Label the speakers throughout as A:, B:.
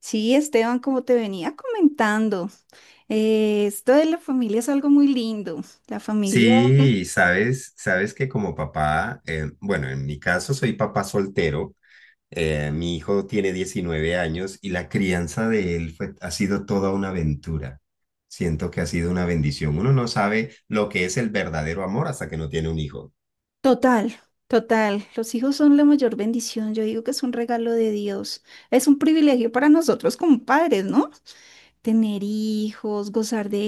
A: Sí, Esteban, como te venía comentando, esto de la familia es algo muy lindo. La familia,
B: Sí, sabes, bueno, en mi caso soy papá soltero. Mi hijo tiene 19 años y la crianza de él ha sido toda una aventura. Siento que ha sido una bendición. Uno no sabe lo que es el verdadero amor hasta que no tiene un hijo.
A: total, total. Los hijos son la mayor bendición. Yo digo que es un regalo de Dios. Es un privilegio para nosotros como padres, ¿no? Tener hijos, gozar de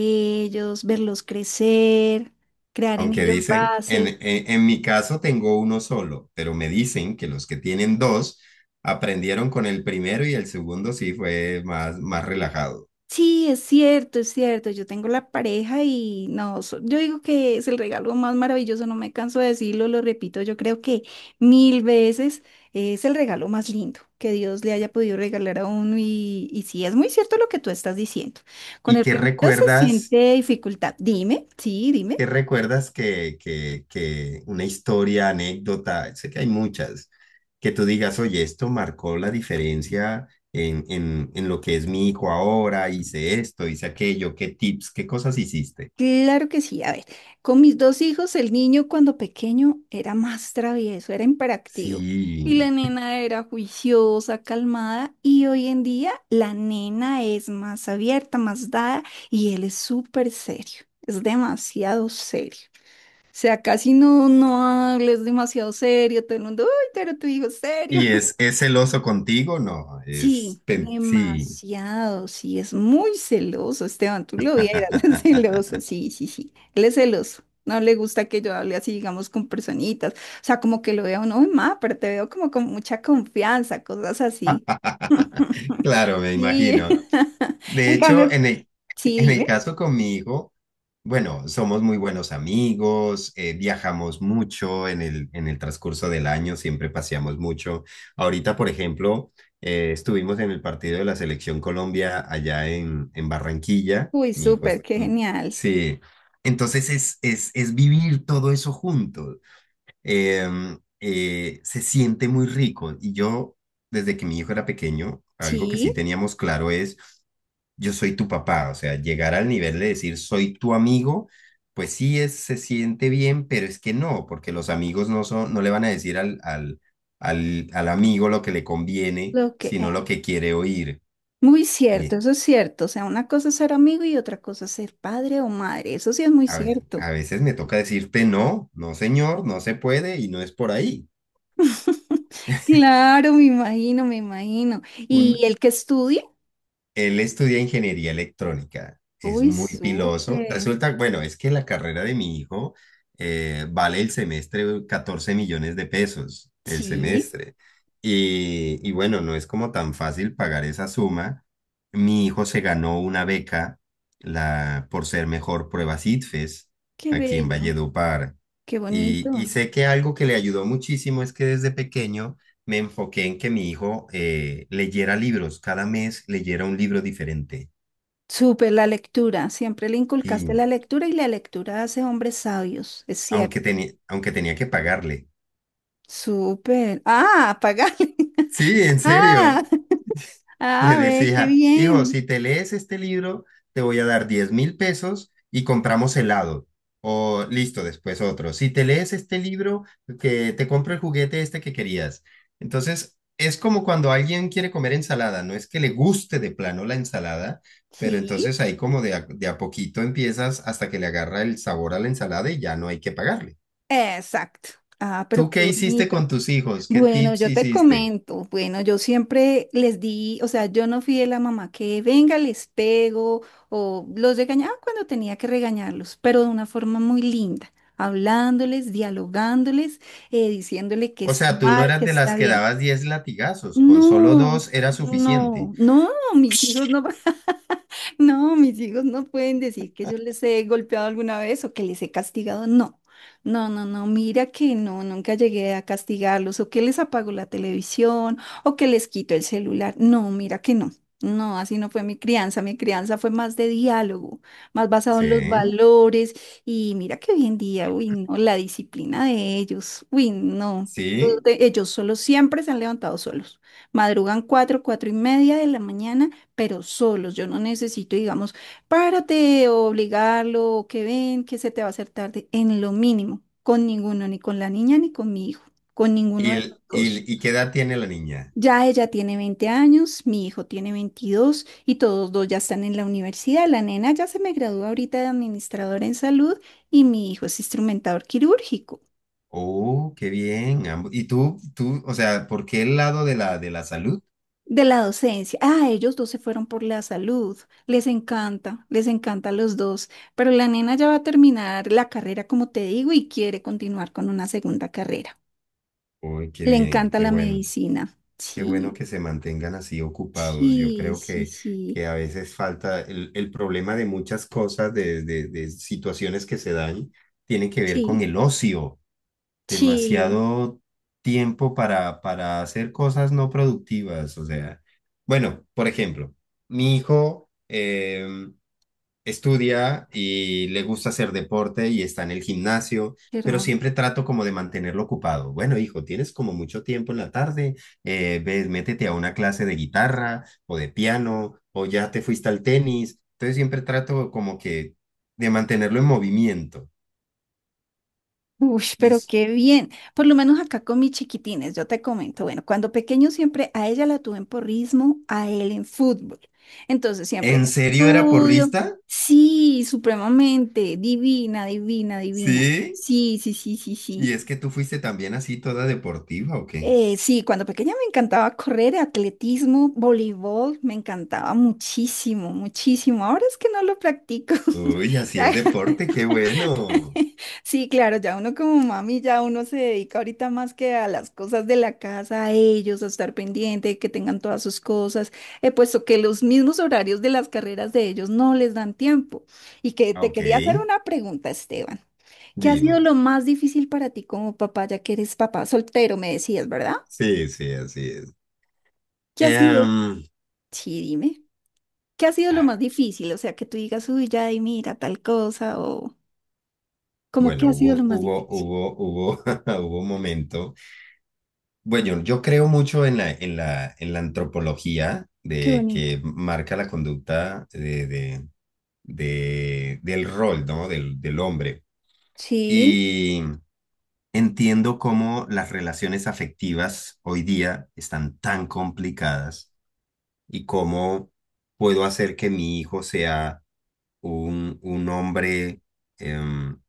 A: ellos, verlos crecer, crear en
B: Aunque
A: ellos
B: dicen,
A: bases.
B: en mi caso tengo uno solo, pero me dicen que los que tienen dos aprendieron con el primero y el segundo sí fue más relajado.
A: Sí, es cierto, es cierto. Yo tengo la pareja y no, yo digo que es el regalo más maravilloso, no me canso de decirlo, lo repito, yo creo que mil veces es el regalo más lindo que Dios le haya podido regalar a uno y sí, es muy cierto lo que tú estás diciendo. Con
B: ¿Y
A: el
B: qué
A: primero se
B: recuerdas?
A: siente dificultad. Dime, sí,
B: ¿Qué
A: dime.
B: recuerdas que una historia, anécdota? Sé que hay muchas, que tú digas: oye, esto marcó la diferencia en lo que es mi hijo ahora. Hice esto, hice aquello, ¿qué tips, qué cosas hiciste?
A: Claro que sí. A ver, con mis dos hijos, el niño cuando pequeño era más travieso, era imperactivo. Y
B: Sí.
A: la nena era juiciosa, calmada. Y hoy en día la nena es más abierta, más dada. Y él es súper serio. Es demasiado serio. O sea, casi no hables demasiado serio. Todo el mundo, uy, pero tu hijo es serio.
B: ¿Y es celoso contigo? No,
A: Sí,
B: sí.
A: demasiado, sí, es muy celoso, Esteban, tú lo vieras, es celoso, sí, sí, sí, él es celoso, no le gusta que yo hable así, digamos, con personitas, o sea, como que lo veo, no, ma, pero te veo como con mucha confianza, cosas así,
B: Claro, me
A: sí,
B: imagino. De
A: en
B: hecho,
A: cambio, sí,
B: en el
A: dime,
B: caso conmigo, bueno, somos muy buenos amigos, viajamos mucho en en el transcurso del año, siempre paseamos mucho. Ahorita, por ejemplo, estuvimos en el partido de la Selección Colombia allá en Barranquilla.
A: uy,
B: Mi hijo
A: súper,
B: es...
A: qué
B: mm,
A: genial,
B: Sí, entonces es, es vivir todo eso juntos. Se siente muy rico. Y yo, desde que mi hijo era pequeño, algo que sí
A: sí,
B: teníamos claro es: yo soy tu papá. O sea, llegar al nivel de decir soy tu amigo, pues sí, se siente bien, pero es que no, porque los amigos no son, no le van a decir al amigo lo que le conviene,
A: lo que,
B: sino lo que quiere oír.
A: muy cierto,
B: Y
A: eso es cierto, o sea, una cosa es ser amigo y otra cosa es ser padre o madre, eso sí es muy cierto.
B: a veces me toca decirte no, no señor, no se puede y no es por ahí.
A: Claro, me imagino, me imagino. ¿Y
B: Un,
A: el que estudie?
B: Él estudia ingeniería electrónica, es
A: Uy,
B: muy piloso.
A: súper.
B: Resulta, bueno, es que la carrera de mi hijo vale el semestre 14 millones de pesos, el
A: Sí,
B: semestre. Y bueno, no es como tan fácil pagar esa suma. Mi hijo se ganó una beca por ser mejor prueba CITFES
A: qué
B: aquí en
A: bello,
B: Valledupar.
A: qué bonito.
B: Y sé que algo que le ayudó muchísimo es que desde pequeño me enfoqué en que mi hijo leyera libros, cada mes leyera un libro diferente.
A: Súper la lectura. Siempre le inculcaste
B: Y
A: la lectura y la lectura hace hombres sabios, es cierto.
B: aunque tenía que pagarle.
A: Súper. Ah, apagale.
B: Sí, en serio.
A: Ah,
B: Le
A: ah, ve, qué
B: decía: hijo,
A: bien.
B: si te lees este libro, te voy a dar 10.000 pesos y compramos helado. O listo, después otro. Si te lees este libro, que te compro el juguete este que querías. Entonces, es como cuando alguien quiere comer ensalada, no es que le guste de plano la ensalada, pero
A: Sí,
B: entonces ahí como de a poquito empiezas hasta que le agarra el sabor a la ensalada y ya no hay que pagarle.
A: exacto. Ah, pero
B: ¿Tú
A: qué
B: qué hiciste
A: bonito.
B: con tus hijos? ¿Qué
A: Bueno,
B: tips
A: yo te
B: hiciste?
A: comento, bueno, yo siempre les di, o sea, yo no fui de la mamá que venga, les pego o los regañaba cuando tenía que regañarlos, pero de una forma muy linda, hablándoles, dialogándoles, diciéndole que
B: O
A: es
B: sea, ¿tú no
A: mal,
B: eras
A: que
B: de las
A: está
B: que
A: bien.
B: dabas 10 latigazos, con solo
A: No,
B: dos era suficiente?
A: no, no, mis hijos no, no, mis hijos no pueden decir que yo les he golpeado alguna vez o que les he castigado, no, no, no, no, mira que no, nunca llegué a castigarlos o que les apago la televisión o que les quito el celular, no, mira que no, no, así no fue mi crianza fue más de diálogo, más basado
B: Sí,
A: en los valores y mira que hoy en día, uy, no, la disciplina de ellos, uy, no,
B: sí.
A: ellos solos siempre se han levantado solos. Madrugan 4, 4:30 de la mañana, pero solos. Yo no necesito, digamos, párate o obligarlo, o que ven, que se te va a hacer tarde, en lo mínimo, con ninguno, ni con la niña ni con mi hijo, con ninguno
B: ¿Y,
A: de los
B: el-
A: dos.
B: Y, ¿y qué edad tiene la niña?
A: Ya ella tiene 20 años, mi hijo tiene 22 y todos dos ya están en la universidad. La nena ya se me gradúa ahorita de administradora en salud y mi hijo es instrumentador quirúrgico.
B: Oh, qué bien. ¿Y tú, o sea, por qué el lado de de la salud?
A: De la docencia. Ah, ellos dos se fueron por la salud. Les encanta a los dos. Pero la nena ya va a terminar la carrera, como te digo, y quiere continuar con una segunda carrera.
B: Uy, qué
A: Le
B: bien,
A: encanta
B: qué
A: la
B: bueno.
A: medicina.
B: Qué bueno
A: Sí,
B: que se mantengan así ocupados. Yo
A: sí,
B: creo
A: sí, sí,
B: que a veces falta el problema de muchas cosas, de situaciones que se dan, tiene que ver con
A: sí,
B: el ocio.
A: sí.
B: Demasiado tiempo para hacer cosas no productivas. O sea, bueno, por ejemplo, mi hijo estudia y le gusta hacer deporte y está en el gimnasio,
A: Qué
B: pero
A: hermoso.
B: siempre trato como de mantenerlo ocupado. Bueno, hijo, tienes como mucho tiempo en la tarde, ves, métete a una clase de guitarra o de piano o ya te fuiste al tenis. Entonces siempre trato como que de mantenerlo en movimiento.
A: Uy,
B: Yo,
A: pero
B: s-
A: qué bien. Por lo menos acá con mis chiquitines, yo te comento. Bueno, cuando pequeño siempre a ella la tuve en porrismo, a él en fútbol. Entonces siempre
B: ¿En serio era
A: estudio.
B: porrista?
A: Sí, supremamente. Divina, divina, divina.
B: Sí,
A: Sí, sí, sí, sí,
B: y
A: sí.
B: es que tú fuiste también así toda deportiva, ¿o qué?
A: Sí, cuando pequeña me encantaba correr, atletismo, voleibol, me encantaba muchísimo, muchísimo. Ahora es que no lo practico.
B: Uy, hacías deporte, qué bueno.
A: Sí, claro, ya uno como mami, ya uno se dedica ahorita más que a las cosas de la casa, a ellos, a estar pendiente, que tengan todas sus cosas, puesto que los mismos horarios de las carreras de ellos no les dan tiempo. Y que
B: Ah,
A: te
B: ok,
A: quería hacer una pregunta, Esteban. ¿Qué ha sido
B: dime.
A: lo más difícil para ti como papá, ya que eres papá soltero, me decías, ¿verdad?
B: Sí, sí, así es.
A: ¿Qué ha sido?
B: Em,
A: Sí, dime. ¿Qué ha sido lo
B: ah,
A: más difícil? O sea, que tú digas, uy, ya, y mira, tal cosa, o como, ¿qué
B: bueno,
A: ha sido lo más difícil?
B: hubo un momento. Bueno, yo creo mucho en en la antropología
A: Qué
B: de
A: bonito.
B: que marca la conducta del rol, ¿no? Del hombre.
A: Sí,
B: Y entiendo cómo las relaciones afectivas hoy día están tan complicadas y cómo puedo hacer que mi hijo sea un hombre em,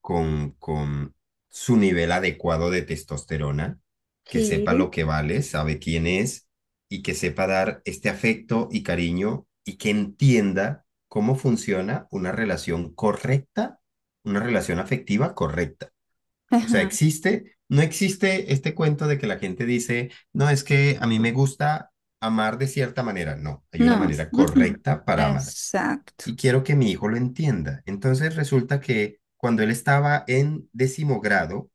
B: con su nivel adecuado de testosterona, que sepa lo
A: sí.
B: que vale, sabe quién es y que sepa dar este afecto y cariño y que entienda cómo funciona una relación correcta, una relación afectiva correcta. O sea,
A: Ajá,
B: no existe este cuento de que la gente dice: no, es que a mí me gusta amar de cierta manera. No, hay una
A: no,
B: manera
A: mm, mm,
B: correcta para amar
A: exacto.
B: y quiero que mi hijo lo entienda. Entonces resulta que cuando él estaba en décimo grado,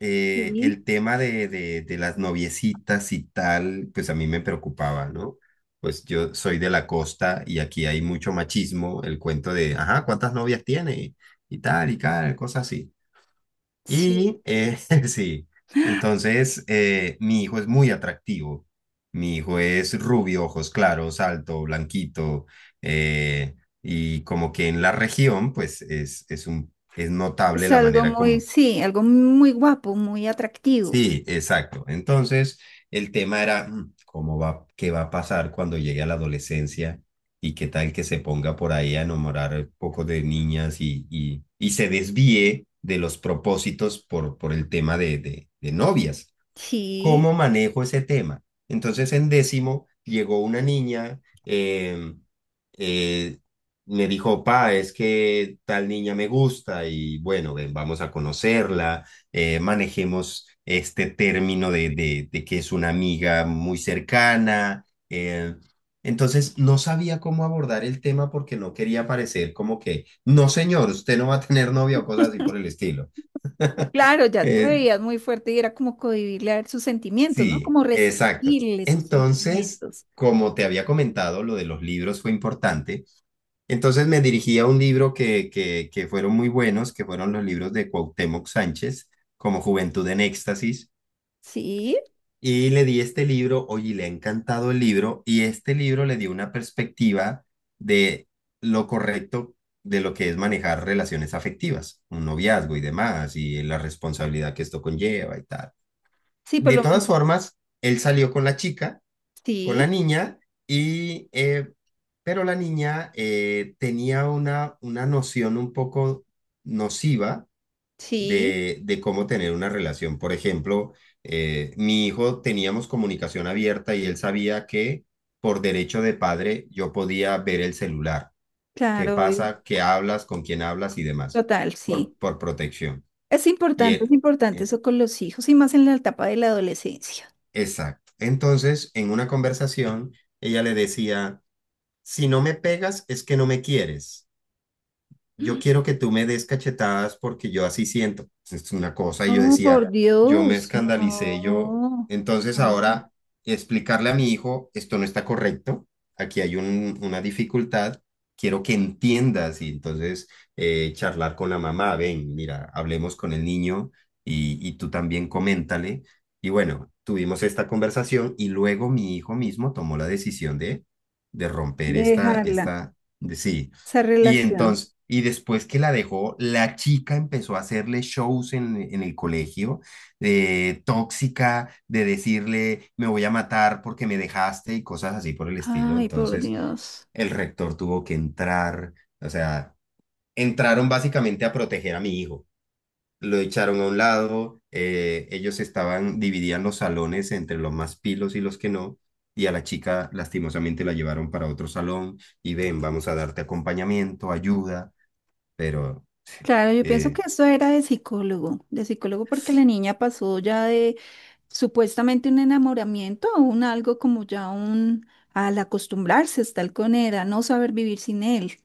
B: el
A: Sí,
B: tema de las noviecitas y tal, pues a mí me preocupaba, ¿no? Pues yo soy de la costa y aquí hay mucho machismo, el cuento de ajá, ¿cuántas novias tiene? Y tal, cosas así.
A: sí,
B: Y sí, entonces mi hijo es muy atractivo. Mi hijo es rubio, ojos claros, alto, blanquito. eh, y como que en la región, pues es un, es notable
A: es
B: la
A: algo
B: manera
A: muy,
B: como...
A: sí, algo muy guapo, muy atractivo.
B: Sí, exacto. Entonces, el tema era: cómo va, qué va a pasar cuando llegue a la adolescencia y qué tal que se ponga por ahí a enamorar un poco de niñas y y se desvíe de los propósitos por el tema de novias. ¿Cómo
A: Sí,
B: manejo ese tema? Entonces, en décimo llegó una niña. Eh, Me dijo: pa, es que tal niña me gusta. Y bueno, ven, vamos a conocerla. Manejemos este término de que es una amiga muy cercana. Entonces, no sabía cómo abordar el tema porque no quería parecer como que no, señor, usted no va a tener novia o cosas así por el estilo.
A: claro, ya te
B: Eh,
A: veías muy fuerte y era como cohibirle a él sus sentimientos, ¿no?
B: Sí,
A: Como
B: exacto.
A: restringirle sus
B: Entonces,
A: sentimientos.
B: como te había comentado, lo de los libros fue importante. Entonces me dirigí a un libro que fueron muy buenos, que fueron los libros de Cuauhtémoc Sánchez, como Juventud en Éxtasis.
A: Sí,
B: Y le di este libro, oye, le ha encantado el libro, y este libro le dio una perspectiva de lo correcto, de lo que es manejar relaciones afectivas, un noviazgo y demás, y la responsabilidad que esto conlleva y tal.
A: sí, por
B: De
A: lo
B: todas
A: menos,
B: formas, él salió con la chica, con la
A: sí,
B: niña, y pero la niña tenía una noción un poco nociva
A: sí,
B: de cómo tener una relación. Por ejemplo, mi hijo, teníamos comunicación abierta y él sabía que por derecho de padre yo podía ver el celular, qué
A: claro, obvio,
B: pasa, qué hablas, con quién hablas y demás,
A: total, sí.
B: por protección. Y
A: Es
B: él,
A: importante
B: eh,
A: eso con los hijos y más en la etapa de la adolescencia.
B: exacto. Entonces, en una conversación, ella le decía: si no me pegas, es que no me quieres, yo quiero que tú me des cachetadas porque yo así siento, pues. Es una cosa, y yo
A: Oh, por
B: decía, yo me
A: Dios,
B: escandalicé. Yo,
A: no,
B: entonces
A: no.
B: ahora explicarle a mi hijo, esto no está correcto, una dificultad, quiero que entiendas. Y entonces charlar con la mamá: ven, mira, hablemos con el niño y tú también coméntale. Y bueno, tuvimos esta conversación y luego mi hijo mismo tomó la decisión de romper esta,
A: Dejarla,
B: sí.
A: esa
B: Y
A: relación.
B: entonces, y después que la dejó, la chica empezó a hacerle shows en el colegio, de tóxica, de decirle: me voy a matar porque me dejaste y cosas así por el estilo.
A: Ay, por
B: Entonces,
A: Dios.
B: el rector tuvo que entrar, o sea, entraron básicamente a proteger a mi hijo. Lo echaron a un lado, ellos estaban, dividían los salones entre los más pilos y los que no, y a la chica lastimosamente la llevaron para otro salón y ven, vamos a darte acompañamiento, ayuda, pero
A: Claro, yo pienso
B: eh,
A: que eso era de psicólogo porque la niña pasó ya de supuestamente un enamoramiento a un algo como ya un, al acostumbrarse a estar con él, a no saber vivir sin él.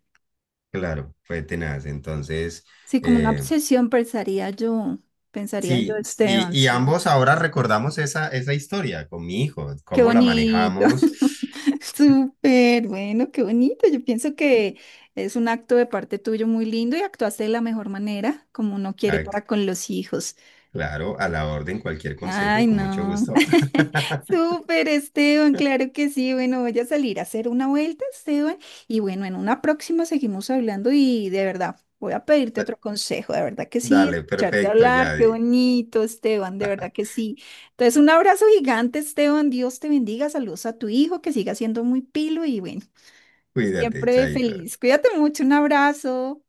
B: claro, fue tenaz. Entonces,
A: Sí, como una
B: eh,
A: obsesión pensaría yo,
B: sí,
A: Esteban,
B: y
A: sí.
B: ambos ahora recordamos esa historia con mi hijo,
A: Qué
B: cómo la
A: bonito,
B: manejamos.
A: súper bueno, qué bonito. Yo pienso que es un acto de parte tuyo muy lindo y actuaste de la mejor manera, como uno quiere
B: Ay,
A: para con los hijos.
B: claro, a la orden, cualquier consejo,
A: Ay,
B: con mucho
A: no.
B: gusto.
A: Súper, Esteban, claro que sí. Bueno, voy a salir a hacer una vuelta, Esteban. Y bueno, en una próxima seguimos hablando y de verdad, voy a pedirte otro consejo. De verdad que sí,
B: Dale,
A: escucharte
B: perfecto,
A: hablar, qué
B: Yadi.
A: bonito, Esteban, de verdad que sí. Entonces, un abrazo gigante, Esteban. Dios te bendiga. Saludos a tu hijo, que siga siendo muy pilo y bueno,
B: Cuídate,
A: siempre
B: chaito.
A: feliz. Cuídate mucho, un abrazo.